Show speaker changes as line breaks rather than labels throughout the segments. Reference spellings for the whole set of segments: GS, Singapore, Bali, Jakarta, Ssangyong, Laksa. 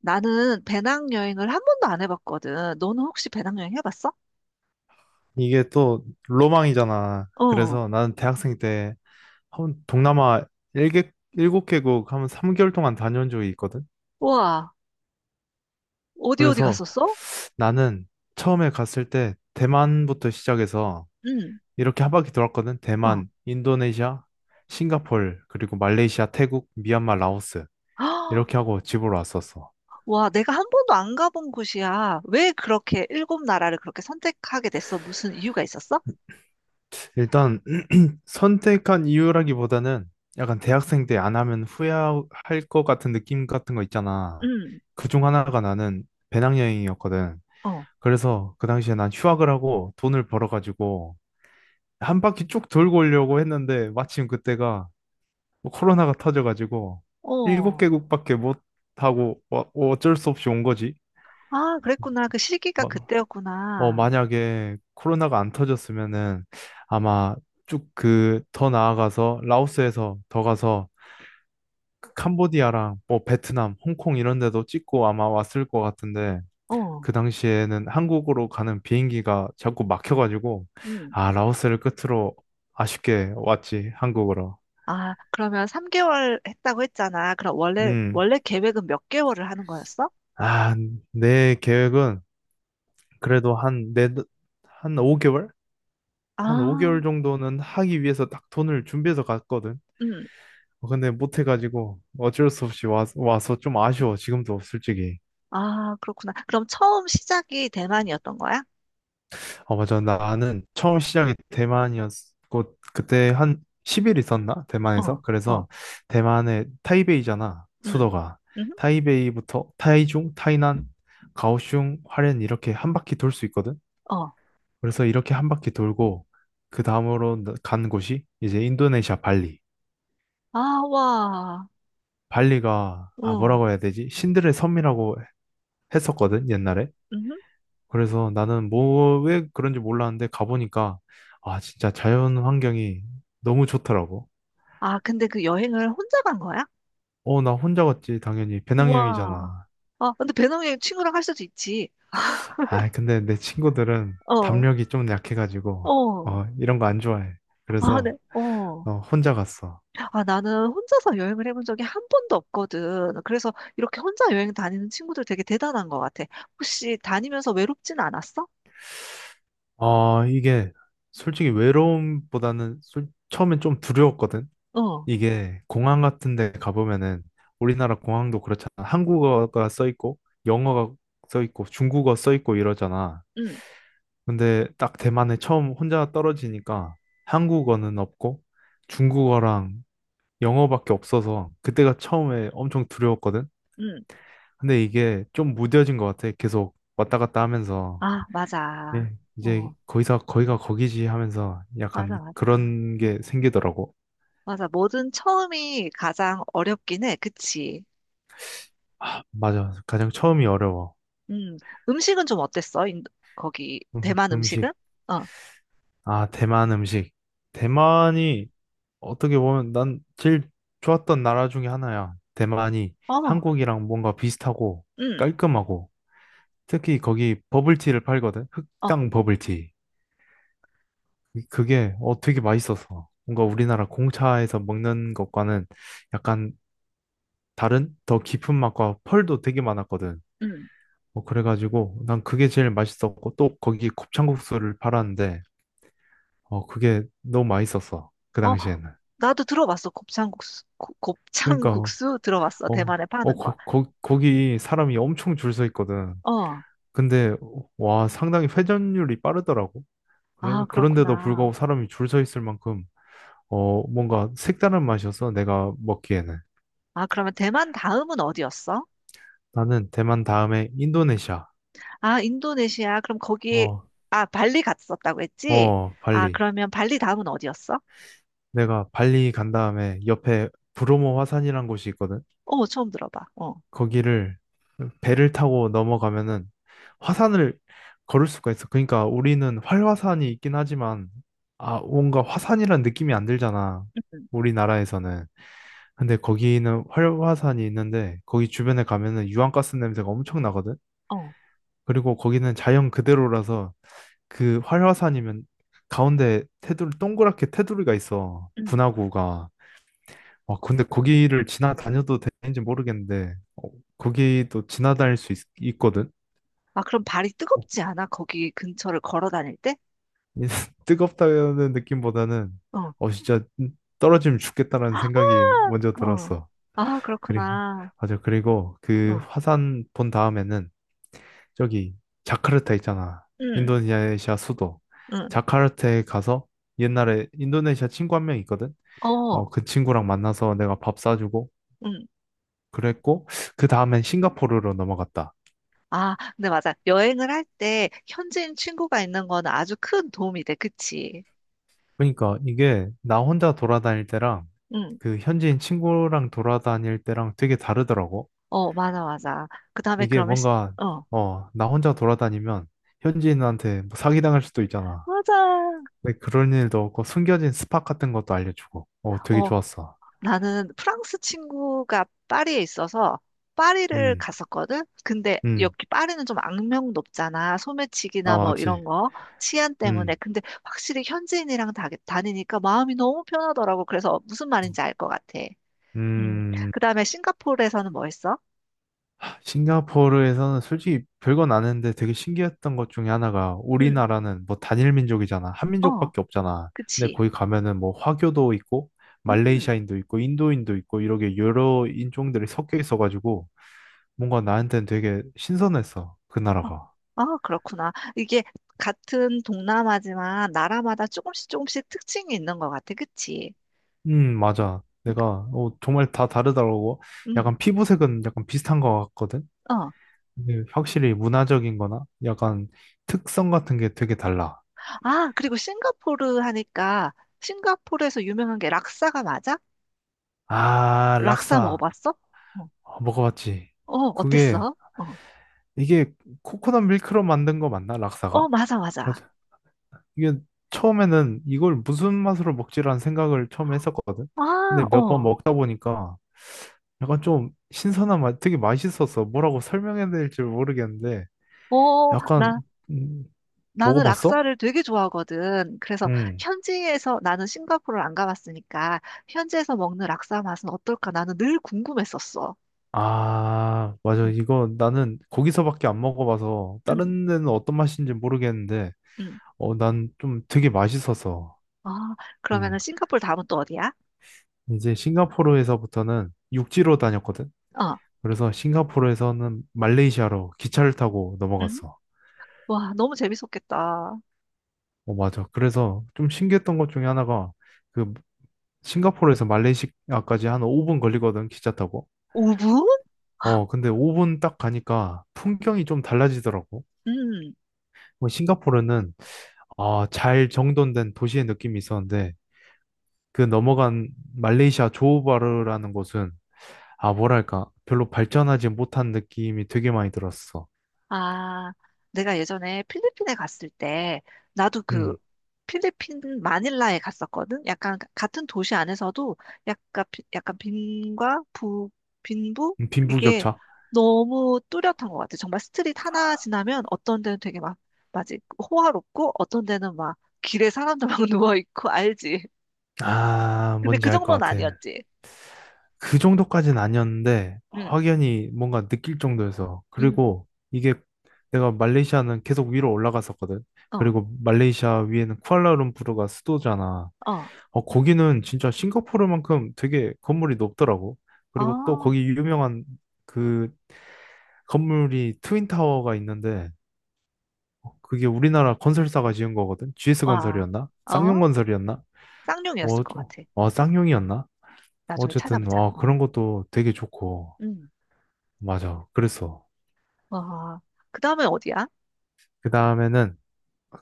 나는 배낭여행을 한 번도 안 해봤거든. 너는 혹시 배낭여행 해봤어?
이게 또 로망이잖아.
어.
그래서 나는 대학생 때 한 동남아 일개 7개국 하면 3개월 동안 다녀온 적이 있거든.
와, 어디 어디
그래서
갔었어?
나는 처음에 갔을 때 대만부터 시작해서
응.
이렇게 한 바퀴 돌았거든.
어.
대만, 인도네시아, 싱가폴, 그리고 말레이시아, 태국, 미얀마, 라오스.
아,
이렇게 하고 집으로 왔었어.
와, 내가 한 번도 안 가본 곳이야. 왜 그렇게 일곱 나라를 그렇게 선택하게 됐어? 무슨 이유가 있었어?
일단 선택한 이유라기보다는 약간 대학생 때 안 하면 후회할 것 같은 느낌 같은 거 있잖아.
응.
그 중 하나가 나는 배낭여행이었거든.
어.
그래서 그 당시에 난 휴학을 하고 돈을 벌어가지고 한 바퀴 쭉 돌고 오려고 했는데 마침 그때가 뭐 코로나가 터져가지고 일곱
어.
개국밖에 못 하고 어쩔 수 없이 온 거지.
아, 그랬구나. 그 시기가
막,
그때였구나.
만약에 코로나가 안 터졌으면은 아마 쭉 그 더 나아가서 라오스에서 더 가서 캄보디아랑 뭐 베트남, 홍콩 이런 데도 찍고 아마 왔을 것 같은데
어.
그 당시에는 한국으로 가는 비행기가 자꾸 막혀가지고
응.
아 라오스를 끝으로 아쉽게 왔지 한국으로.
아, 그러면 3개월 했다고 했잖아. 그럼 원래
음.
원래 계획은 몇 개월을 하는 거였어?
아, 내 계획은 그래도 한 네, 한 5개월? 한
아.
5개월 정도는 하기 위해서 딱 돈을 준비해서 갔거든.
응.
근데 못해가지고 어쩔 수 없이 와서 좀 아쉬워. 지금도 솔직히.
아, 그렇구나. 그럼 처음 시작이 대만이었던 거야?
어, 맞아. 나는 처음 시작이 대만이었고, 그때 한 10일 있었나?
어,
대만에서?
어,
그래서 대만의 타이베이잖아,
응.
수도가.
응
타이베이부터 타이중, 타이난, 가오슝, 화롄 이렇게 한 바퀴 돌 수 있거든?
어.
그래서 이렇게 한 바퀴 돌고, 그 다음으로 간 곳이 이제 인도네시아 발리.
아, 와.
발리가, 아,
어.
뭐라고 해야 되지? 신들의 섬이라고 했었거든, 옛날에.
응
그래서 나는 뭐, 왜 그런지 몰랐는데 가보니까, 아, 진짜 자연 환경이 너무 좋더라고.
아, 근데 그 여행을 혼자 간 거야?
어, 나 혼자 갔지, 당연히.
우와.
배낭여행이잖아.
아, 근데 배낭여행 친구랑 할 수도 있지.
아, 근데 내 친구들은
어.
담력이 좀 약해가지고,
어.
어, 이런 거 안 좋아해.
아, 네.
그래서,
어.
어, 혼자 갔어.
아, 나는 혼자서 여행을 해본 적이 한 번도 없거든. 그래서 이렇게 혼자 여행 다니는 친구들 되게 대단한 것 같아. 혹시 다니면서 외롭진 않았어?
아, 이게, 솔직히 외로움보다는 처음엔 좀 두려웠거든?
어.
이게, 공항 같은 데 가보면은, 우리나라 공항도 그렇잖아. 한국어가 써 있고, 영어가 써 있고, 중국어 써 있고 이러잖아.
응.
근데 딱 대만에 처음 혼자 떨어지니까 한국어는 없고 중국어랑 영어밖에 없어서 그때가 처음에 엄청 두려웠거든.
응.
근데 이게 좀 무뎌진 것 같아. 계속 왔다 갔다 하면서
아, 맞아.
예, 이제
어.
거기서 거기가 거기지 하면서
맞아,
약간
맞아.
그런 게 생기더라고.
맞아. 뭐든 처음이 가장 어렵긴 해. 그치?
아, 맞아. 가장 처음이 어려워.
음. 음식은 좀 어땠어? 거기, 대만 음식은?
음식.
어.
아, 대만 음식. 대만이 어떻게 보면 난 제일 좋았던 나라 중에 하나야. 대만이
어.
한국이랑 뭔가 비슷하고
음.
깔끔하고 특히 거기 버블티를 팔거든.
어.
흑당 버블티. 그게 어 되게 맛있었어. 뭔가 우리나라 공차에서 먹는 것과는 약간 다른 더 깊은 맛과 펄도 되게 많았거든.
음.
어, 그래가지고 난 그게 제일 맛있었고 또 거기 곱창국수를 팔았는데 어 그게 너무 맛있었어. 그
어.
당시에는.
나도 들어봤어. 곱창국수.
그러니까
곱창국수 들어봤어.
어,
대만에
어,
파는 거.
거, 거, 거기 사람이 엄청 줄 서 있거든.
어.
근데, 와, 상당히 회전율이 빠르더라고.
아,
그래, 그런데도
그렇구나.
불구하고 사람이 줄 서 있을 만큼, 어, 뭔가 색다른 맛이었어, 내가 먹기에는.
아, 그러면 대만 다음은 어디였어?
나는 대만 다음에 인도네시아.
아, 인도네시아. 그럼 거기,
어,
아, 발리 갔었다고 했지?
어,
아,
발리.
그러면 발리 다음은 어디였어?
내가 발리 간 다음에 옆에 브로모 화산이란 곳이 있거든.
어, 처음 들어봐. 어.
거기를 배를 타고 넘어가면은 화산을 걸을 수가 있어. 그러니까 우리는 활화산이 있긴 하지만 아 뭔가 화산이란 느낌이 안 들잖아.
음.
우리나라에서는. 근데 거기는 활화산이 있는데 거기 주변에 가면은 유황가스 냄새가 엄청 나거든.
어.
그리고 거기는 자연 그대로라서 그 활화산이면 가운데 테두리 동그랗게 테두리가 있어.
음.
분화구가. 아, 근데 거기를 지나다녀도 되는지 모르겠는데, 어, 거기도 지나다닐 수 있, 거든
아, 그럼 발이 뜨겁지 않아? 거기 근처를 걸어 다닐 때?
뜨겁다는 느낌보다는,
어,
어, 진짜 떨어지면 죽겠다라는 생각이 먼저
어.
들었어.
아,
그리,
그렇구나.
맞아. 그리고 그
어,
화산 본 다음에는 저기 자카르타 있잖아.
응,
인도네시아 수도.
응,
자카르타에 가서 옛날에 인도네시아 친구 한 명 있거든. 어,
어.
그 친구랑 만나서 내가 밥 사주고
응.
그랬고, 그 다음엔 싱가포르로 넘어갔다.
아, 근데 맞아. 여행을 할 때 현지인 친구가 있는 거는 아주 큰 도움이 돼. 그치?
그러니까 이게 나 혼자 돌아다닐 때랑
응.
그 현지인 친구랑 돌아다닐 때랑 되게 다르더라고.
어, 맞아, 맞아. 그 다음에
이게
그러면, 시-
뭔가
어,
어, 나 혼자 돌아다니면 현지인한테 뭐 사기당할 수도 있잖아.
맞아.
근데 그런 일도 없고 숨겨진 스팟 같은 것도 알려주고. 어, 되게
어,
좋았어.
나는 프랑스 친구가 파리에 있어서 파리를
음,
갔었거든. 근데
음,
여기 파리는 좀 악명 높잖아.
아,
소매치기나 뭐
맞지.
이런 거 치안 때문에.
음,
근데 확실히 현지인이랑 다니니까 마음이 너무 편하더라고. 그래서 무슨 말인지 알 것 같아. 음.
음.
그다음에 싱가포르에서는 뭐 했어?
싱가포르에서는 솔직히 별건 아는데 되게 신기했던 것 중에 하나가
음.
우리나라는 뭐 단일 민족이잖아. 한
어.
민족밖에 없잖아. 근데
그치.
거기 가면은 뭐 화교도 있고
음.
말레이시아인도 있고 인도인도 있고 이렇게 여러 인종들이 섞여 있어가지고 뭔가 나한테는 되게 신선했어. 그
어,
나라가.
아, 그렇구나. 이게 같은 동남아지만 나라마다 조금씩 조금씩 특징이 있는 것 같아. 그치?
맞아. 내가 어, 정말 다 다르더라고.
음.
약간 피부색은 약간 비슷한 것 같거든.
어.
근데 확실히 문화적인 거나 약간 특성 같은 게 되게 달라.
아, 그리고 싱가포르 하니까 싱가포르에서 유명한 게 락사가 맞아?
아,
락사
락사.
먹어봤어? 어,
아, 먹어봤지.
어,
그게
어땠어? 어,
이게 코코넛 밀크로 만든 거 맞나? 락사가?
어, 맞아,
그-
맞아.
이게 처음에는 이걸 무슨 맛으로 먹지라는 생각을 처음 했었거든.
아,
근데 몇 번
어,
먹다 보니까 약간 좀 신선한 맛, 되게 맛있었어. 뭐라고 설명해야 될지 모르겠는데
어,
약간 음,
나는
먹어봤어?
락사를 되게 좋아하거든. 그래서
응.
현지에서 나는 싱가포르를 안 가봤으니까 현지에서 먹는 락사 맛은 어떨까? 나는 늘 궁금했었어.
아, 맞아.
응,
이거 나는 거기서밖에 안 먹어봐서
응,
다른 데는 어떤 맛인지 모르겠는데
응.
어, 난 좀 되게 맛있었어.
아,
응.
그러면은 싱가포르 다음은 또 어디야?
이제 싱가포르에서부터는 육지로 다녔거든.
어,
그래서 싱가포르에서는 말레이시아로 기차를 타고
응?
넘어갔어.
와, 너무 재밌었겠다.
어, 맞아. 그래서 좀 신기했던 것 중에 하나가 그 싱가포르에서 말레이시아까지 한 5분 걸리거든, 기차 타고.
5분?
어, 근데 5분 딱 가니까 풍경이 좀 달라지더라고. 뭐 싱가포르는 아, 잘 정돈된 도시의 느낌이 있었는데 그 넘어간 말레이시아 조호바르라는 곳은 아, 뭐랄까, 별로 발전하지 못한 느낌이 되게 많이 들었어.
아, 내가 예전에 필리핀에 갔을 때, 나도 그
음,
필리핀 마닐라에 갔었거든? 약간 같은 도시 안에서도 약간, 약간 빈과 부, 빈부? 이게
빈부격차.
너무 뚜렷한 것 같아. 정말 스트릿 하나 지나면 어떤 데는 되게 막, 맞지? 호화롭고 어떤 데는 막 길에 사람들 막 누워있고, 알지?
아,
근데
뭔지
그
알 것
정도는
같아.
아니었지.
그 정도까지는 아니었는데,
응,
확연히 뭔가 느낄 정도여서.
응,
그리고 이게 내가 말레이시아는 계속 위로 올라갔었거든.
어,
그리고 말레이시아 위에는 쿠알라룸푸르가 수도잖아.
어,
어, 거기는 진짜 싱가포르만큼 되게 건물이 높더라고. 그리고 또
어,
거기 유명한 그 건물이 트윈타워가 있는데, 어, 그게 우리나라 건설사가 지은 거거든. GS
와,
건설이었나? 쌍용
어,
건설이었나?
쌍용이었을
어,
것 같아. 어.
쌍용이었나?
나중에
어쨌든
찾아보자.
어 그런
어.
것도 되게 좋고
응,
맞아 그랬어
와, 그 다음에 어디야?
그 다음에는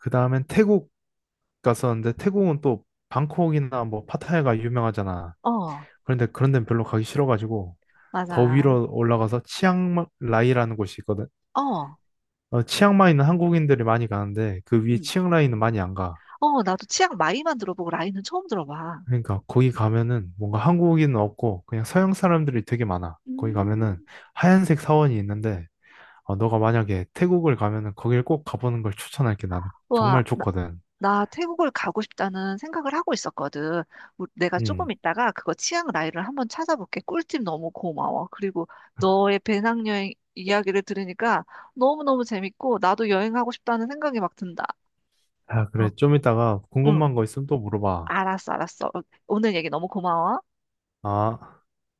그 다음엔 태국 갔었는데 태국은 또 방콕이나 뭐 파타야가 유명하잖아
어,
그런데 그런 데는 별로 가기 싫어가지고 더
맞아.
위로 올라가서 치앙라이라는 곳이 있거든
어,
어, 치앙마이는 한국인들이 많이 가는데 그 위에
응.
치앙라이는 많이 안가
어, 나도 치앙 마이만 들어보고 라인은 처음 들어봐.
그러니까 거기 가면은 뭔가 한국인은 없고 그냥 서양 사람들이 되게 많아 거기
음,
가면은 하얀색 사원이 있는데 어, 너가 만약에 태국을 가면은 거길 꼭 가보는 걸 추천할게, 나는.
와,
정말 좋거든.
나 태국을 가고 싶다는 생각을 하고 있었거든. 내가 조금
음.
있다가 그거 치앙 라이를 한번 찾아볼게. 꿀팁 너무 고마워. 그리고 너의 배낭여행 이야기를 들으니까 너무너무 재밌고 나도 여행하고 싶다는 생각이 막 든다.
아,
어,
그래. 좀 이따가
응.
궁금한 거 있으면 또 물어봐.
알았어, 알았어. 어, 오늘 얘기 너무 고마워.
아.